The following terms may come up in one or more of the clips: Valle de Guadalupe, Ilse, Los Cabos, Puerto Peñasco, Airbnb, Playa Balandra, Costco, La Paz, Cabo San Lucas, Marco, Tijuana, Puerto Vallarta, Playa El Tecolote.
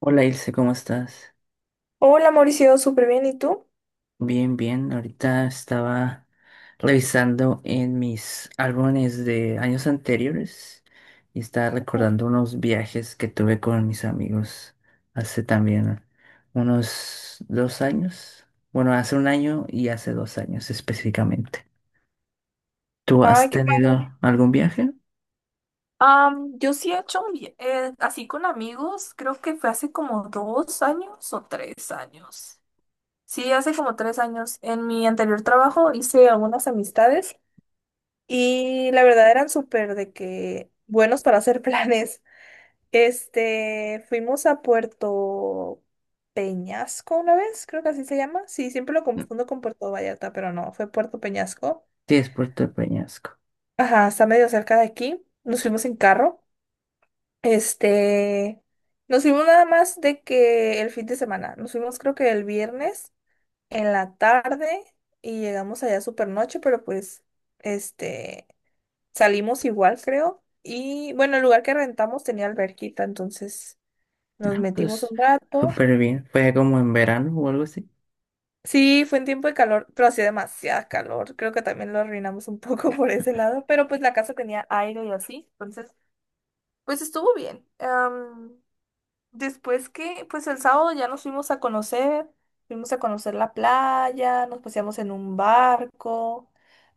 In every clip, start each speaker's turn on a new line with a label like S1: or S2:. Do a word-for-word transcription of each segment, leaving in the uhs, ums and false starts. S1: Hola Ilse, ¿cómo estás?
S2: Hola Mauricio, súper bien. ¿Y tú?
S1: Bien, bien. Ahorita estaba revisando en mis álbumes de años anteriores y estaba
S2: Ujú.
S1: recordando unos viajes que tuve con mis amigos hace también unos dos años. Bueno, hace un año y hace dos años específicamente. ¿Tú
S2: Ay,
S1: has
S2: qué padre.
S1: tenido algún viaje?
S2: Am, yo sí he hecho un via- eh, así con amigos, creo que fue hace como dos años o tres años. Sí, hace como tres años. En mi anterior trabajo hice algunas amistades. Y la verdad eran súper de que buenos para hacer planes. Este, fuimos a Puerto Peñasco una vez, creo que así se llama. Sí, siempre lo
S1: No.
S2: confundo con Puerto Vallarta, pero no, fue Puerto Peñasco.
S1: Sí, es Puerto de Peñasco.
S2: Ajá, está medio cerca de aquí. Nos fuimos en carro. Este, nos fuimos nada más de que el fin de semana. Nos fuimos creo que el viernes en la tarde y llegamos allá súper noche, pero pues, este, salimos igual, creo. Y bueno, el lugar que rentamos tenía alberquita, entonces nos
S1: Ah,
S2: metimos
S1: pues
S2: un rato.
S1: súper bien. Fue como en verano o algo así.
S2: Sí, fue en tiempo de calor, pero hacía demasiada calor. Creo que también lo arruinamos un poco por ese lado, pero pues la casa tenía aire y así, entonces pues estuvo bien. Am, después que, pues el sábado ya nos fuimos a conocer, fuimos a conocer la playa, nos paseamos en un barco,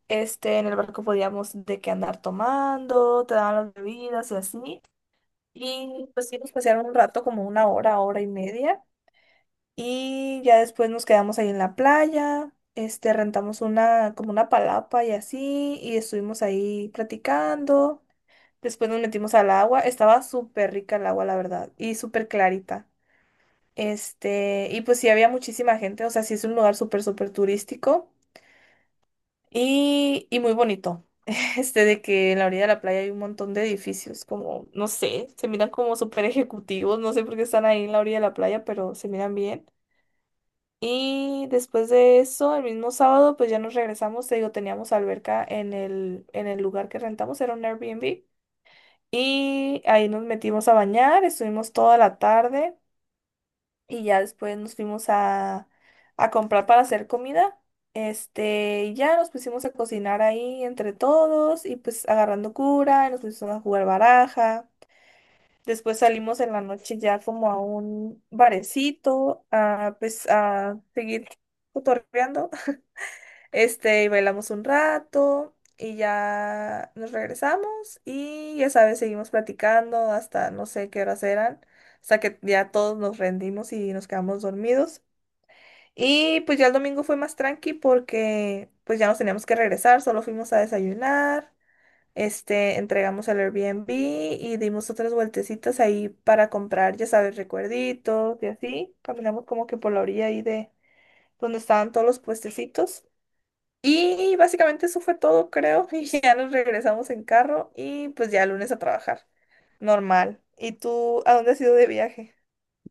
S2: este, en el barco podíamos de qué andar tomando, te daban las bebidas y así. Y pues sí, nos pasearon un rato, como una hora, hora y media. Y ya después nos quedamos ahí en la playa, este, rentamos una, como una palapa y así, y estuvimos ahí platicando. Después nos metimos al agua. Estaba súper rica el agua, la verdad. Y súper clarita. Este, y pues sí, había muchísima gente. O sea, sí es un lugar súper, súper turístico. Y, y muy bonito. Este, de que en la orilla de la playa hay un montón de edificios, como, no sé, se miran como súper ejecutivos. No sé por qué están ahí en la orilla de la playa, pero se miran bien. Y después de eso, el mismo sábado, pues ya nos regresamos. Te digo, teníamos alberca en el, en el lugar que rentamos. Era un Airbnb. Y ahí nos metimos a bañar, estuvimos toda la tarde y ya después nos fuimos a, a comprar para hacer comida. Este, y ya nos pusimos a cocinar ahí entre todos y pues agarrando cura, y nos pusimos a jugar baraja. Después salimos en la noche ya como a un barecito, a pues a seguir cotorreando. Este, y bailamos un rato y ya nos regresamos y ya sabes, seguimos platicando hasta no sé qué horas eran, hasta que ya todos nos rendimos y nos quedamos dormidos. Y pues ya el domingo fue más tranqui porque pues ya nos teníamos que regresar, solo fuimos a desayunar, este, entregamos el Airbnb y dimos otras vueltecitas ahí para comprar, ya sabes, recuerditos y así. Caminamos como que por la orilla ahí de donde estaban todos los puestecitos. Y básicamente eso fue todo, creo. Y ya nos regresamos en carro y pues ya el lunes a trabajar. Normal. ¿Y tú a dónde has ido de viaje?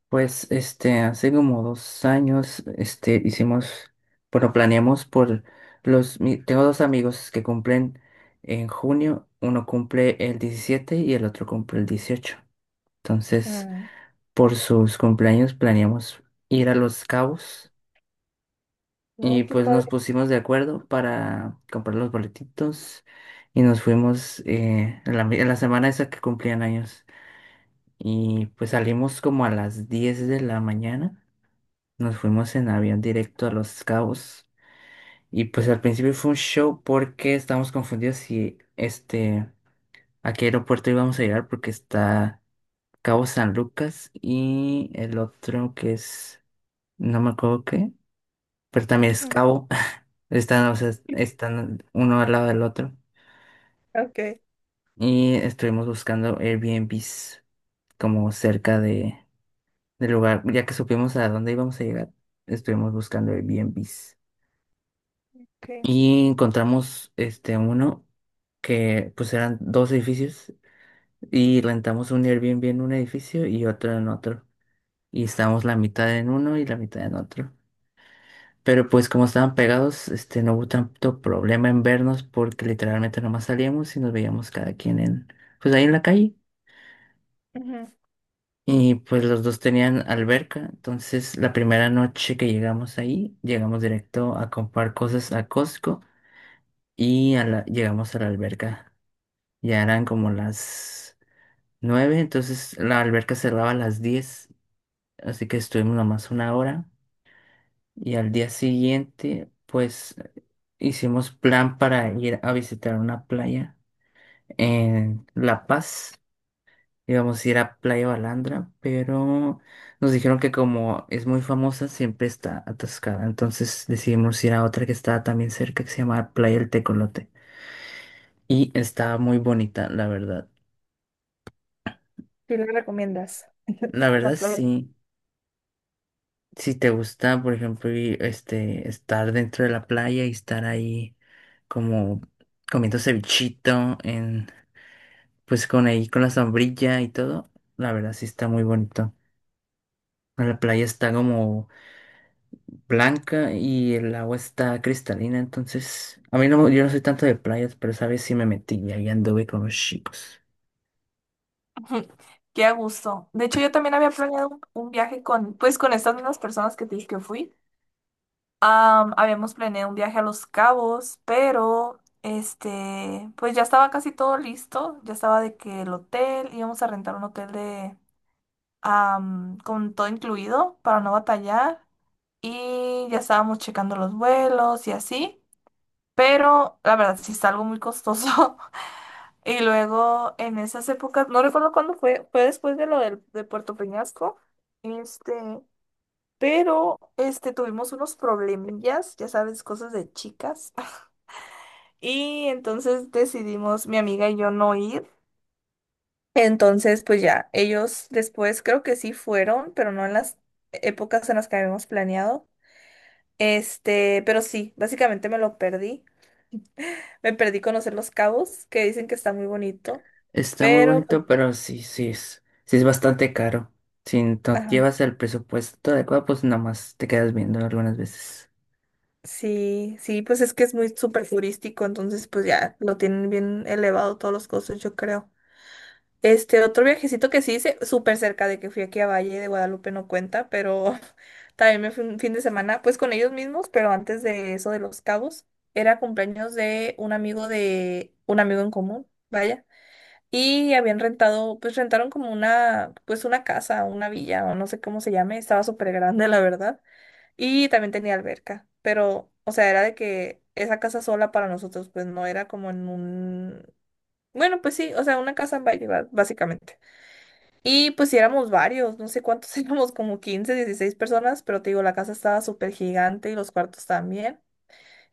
S1: Pues este, hace como dos años, este, hicimos, bueno, planeamos por los, mi- tengo dos amigos que cumplen en junio, uno cumple el diecisiete y el otro cumple el dieciocho. Entonces,
S2: Mm,
S1: por sus cumpleaños planeamos ir a Los Cabos y
S2: mm, qué
S1: pues nos
S2: padre.
S1: pusimos de acuerdo para comprar los boletitos y nos fuimos eh, en la, en la semana esa que cumplían años y pues salimos como a las diez de la mañana. Nos fuimos en avión directo a Los Cabos y pues al principio fue un show porque estábamos confundidos si este a qué aeropuerto íbamos a llegar porque está Cabo San Lucas y el otro que es no me acuerdo qué, pero también es
S2: Ujú.
S1: Cabo. Están, o sea, están uno al lado del otro
S2: Ok,
S1: y estuvimos buscando Airbnbs como cerca de del lugar, ya que supimos a dónde íbamos a llegar, estuvimos buscando Airbnbs.
S2: ok.
S1: Y encontramos este uno que pues eran dos edificios y rentamos un Airbnb en un edificio y otro en otro. Y estábamos la mitad en uno y la mitad en otro. Pero pues como estaban pegados, este no hubo tanto problema en vernos porque literalmente nomás salíamos y nos veíamos cada quien en pues ahí en la calle.
S2: Ujú.
S1: Y pues los dos tenían alberca, entonces la primera noche que llegamos ahí, llegamos directo a comprar cosas a Costco y a la- llegamos a la alberca. Ya eran como las nueve, entonces la alberca cerraba a las diez, así que estuvimos nomás una hora. Y al día siguiente, pues hicimos plan para ir a visitar una playa en La Paz. Íbamos a ir a Playa Balandra, pero nos dijeron que como es muy famosa, siempre está atascada. Entonces decidimos ir a otra que estaba también cerca, que se llama Playa El Tecolote. Y estaba muy bonita, la verdad.
S2: ¿Qué le recomiendas?
S1: La
S2: La
S1: verdad
S2: playa.
S1: sí. Si te gusta, por ejemplo, y, este, estar dentro de la playa y estar ahí como comiendo cevichito, en, pues con ahí con la sombrilla y todo, la verdad sí está muy bonito. La playa está como blanca y el agua está cristalina, entonces a mí no, yo no soy tanto de playas, pero sabes si me metí y ahí anduve con los chicos.
S2: Ujú. Qué a gusto. De hecho, yo también había planeado un, un viaje con, pues, con estas mismas personas que te dije que fui. Am, habíamos planeado un viaje a Los Cabos, pero este, pues ya estaba casi todo listo, ya estaba de que el hotel, íbamos a rentar un hotel de am, con todo incluido para no batallar y ya estábamos checando los vuelos y así, pero la verdad sí está algo muy costoso. Y luego en esas épocas, no recuerdo cuándo fue, fue después de lo del, de Puerto Peñasco, este, pero este tuvimos unos problemillas, ya sabes, cosas de chicas. Y entonces decidimos, mi amiga y yo, no ir. Entonces, pues ya, ellos después creo que sí fueron, pero no en las épocas en las que habíamos planeado. Este, pero sí, básicamente me lo perdí. Me perdí conocer Los Cabos, que dicen que está muy bonito.
S1: Está muy
S2: Pero, pues,
S1: bonito, pero sí, sí es, sí es bastante caro. Si no
S2: ajá,
S1: llevas el presupuesto adecuado, pues nada más te quedas viendo algunas veces.
S2: sí, sí, pues es que es muy súper turístico, entonces pues ya lo tienen bien elevado todos los costos, yo creo. Este otro viajecito que sí hice, súper cerca de que fui aquí a Valle de Guadalupe, no cuenta, pero también me fui un fin de semana, pues con ellos mismos, pero antes de eso de Los Cabos, era cumpleaños de un amigo de un amigo en común, vaya, y habían rentado, pues rentaron como una, pues una casa, una villa, o no sé cómo se llame, estaba súper grande, la verdad, y también tenía alberca, pero, o sea, era de que esa casa sola para nosotros, pues no era como en un, bueno, pues sí, o sea, una casa en Valle, ba- básicamente. Y pues sí éramos varios, no sé cuántos éramos, como quince dieciséis personas, pero te digo, la casa estaba súper gigante y los cuartos también.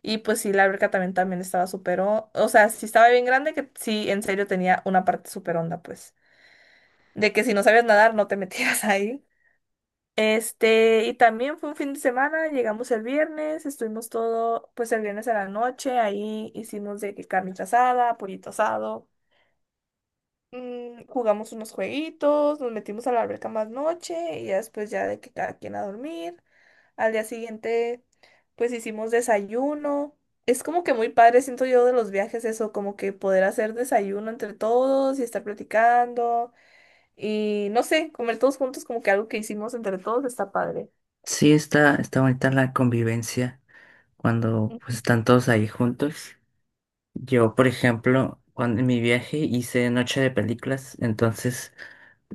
S2: Y pues sí, la alberca también, también estaba súper, o o sea, sí estaba bien grande, que sí, en serio tenía una parte súper honda, pues, de que si no sabías nadar no te metías ahí. Este, y también fue un fin de semana, llegamos el viernes, estuvimos todo, pues el viernes a la noche, ahí hicimos de que carnita asada, pollito asado. Mm, jugamos unos jueguitos, nos metimos a la alberca más noche y ya después ya de que cada quien a dormir. Al día siguiente, pues hicimos desayuno. Es como que muy padre, siento yo, de los viajes eso, como que poder hacer desayuno entre todos y estar platicando y no sé, comer todos juntos, como que algo que hicimos entre todos está padre.
S1: Sí, está, está bonita la convivencia cuando pues, están todos ahí juntos. Yo, por ejemplo, cuando en mi viaje hice noche de películas, entonces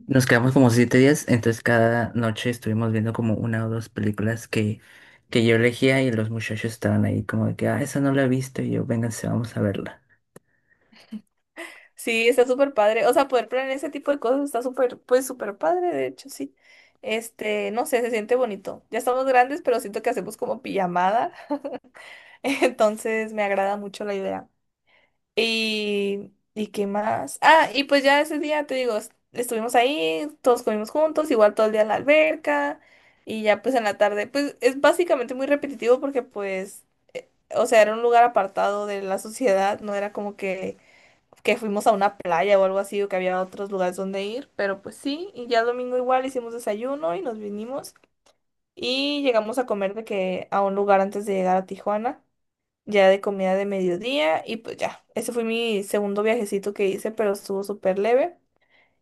S1: nos quedamos como siete días, entonces cada noche estuvimos viendo como una o dos películas que, que yo elegía y los muchachos estaban ahí como de que, ah, esa no la he visto y yo, vénganse, vamos a verla.
S2: Sí, está súper padre. O sea, poder planear ese tipo de cosas está súper, pues súper padre, de hecho, sí. Este, no sé, se siente bonito. Ya estamos grandes, pero siento que hacemos como pijamada. Entonces me agrada mucho la idea. Y, ¿y qué más? Ah, y pues ya ese día, te digo, est- estuvimos ahí, todos comimos juntos, igual todo el día en la alberca. Y ya pues en la tarde, pues es básicamente muy repetitivo porque pues, o sea, era un lugar apartado de la sociedad, no era como que que fuimos a una playa o algo así, o que había otros lugares donde ir, pero pues sí, y ya el domingo igual hicimos desayuno y nos vinimos y llegamos a comer de que a un lugar antes de llegar a Tijuana, ya de comida de mediodía y pues ya, ese fue mi segundo viajecito que hice, pero estuvo súper leve.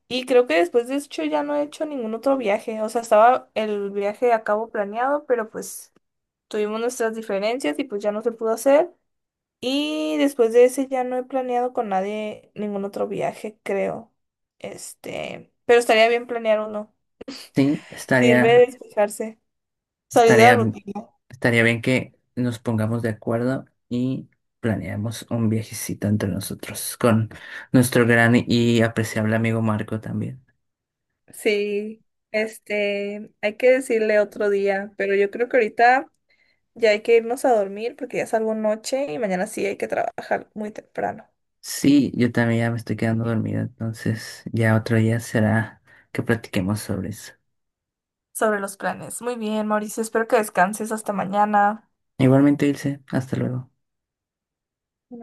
S2: Y creo que después de eso ya no he hecho ningún otro viaje, o sea, estaba el viaje a cabo planeado, pero pues tuvimos nuestras diferencias y pues ya no se pudo hacer. Y después de ese ya no he planeado con nadie ningún otro viaje, creo. Este, pero estaría bien planear uno.
S1: Sí,
S2: Sirve de
S1: estaría.
S2: despejarse, salir de la
S1: Estaría,
S2: rutina.
S1: estaría bien que nos pongamos de acuerdo y planeemos un viajecito entre nosotros con nuestro gran y apreciable amigo Marco también.
S2: Sí, este, hay que decirle otro día, pero yo creo que ahorita ya hay que irnos a dormir porque ya salgo noche y mañana sí hay que trabajar muy temprano.
S1: Sí, yo también ya me estoy quedando dormido, entonces ya otro día será que platiquemos sobre eso.
S2: Sobre los planes. Muy bien, Mauricio, espero que descanses hasta mañana.
S1: Igualmente, Ilse, hasta luego.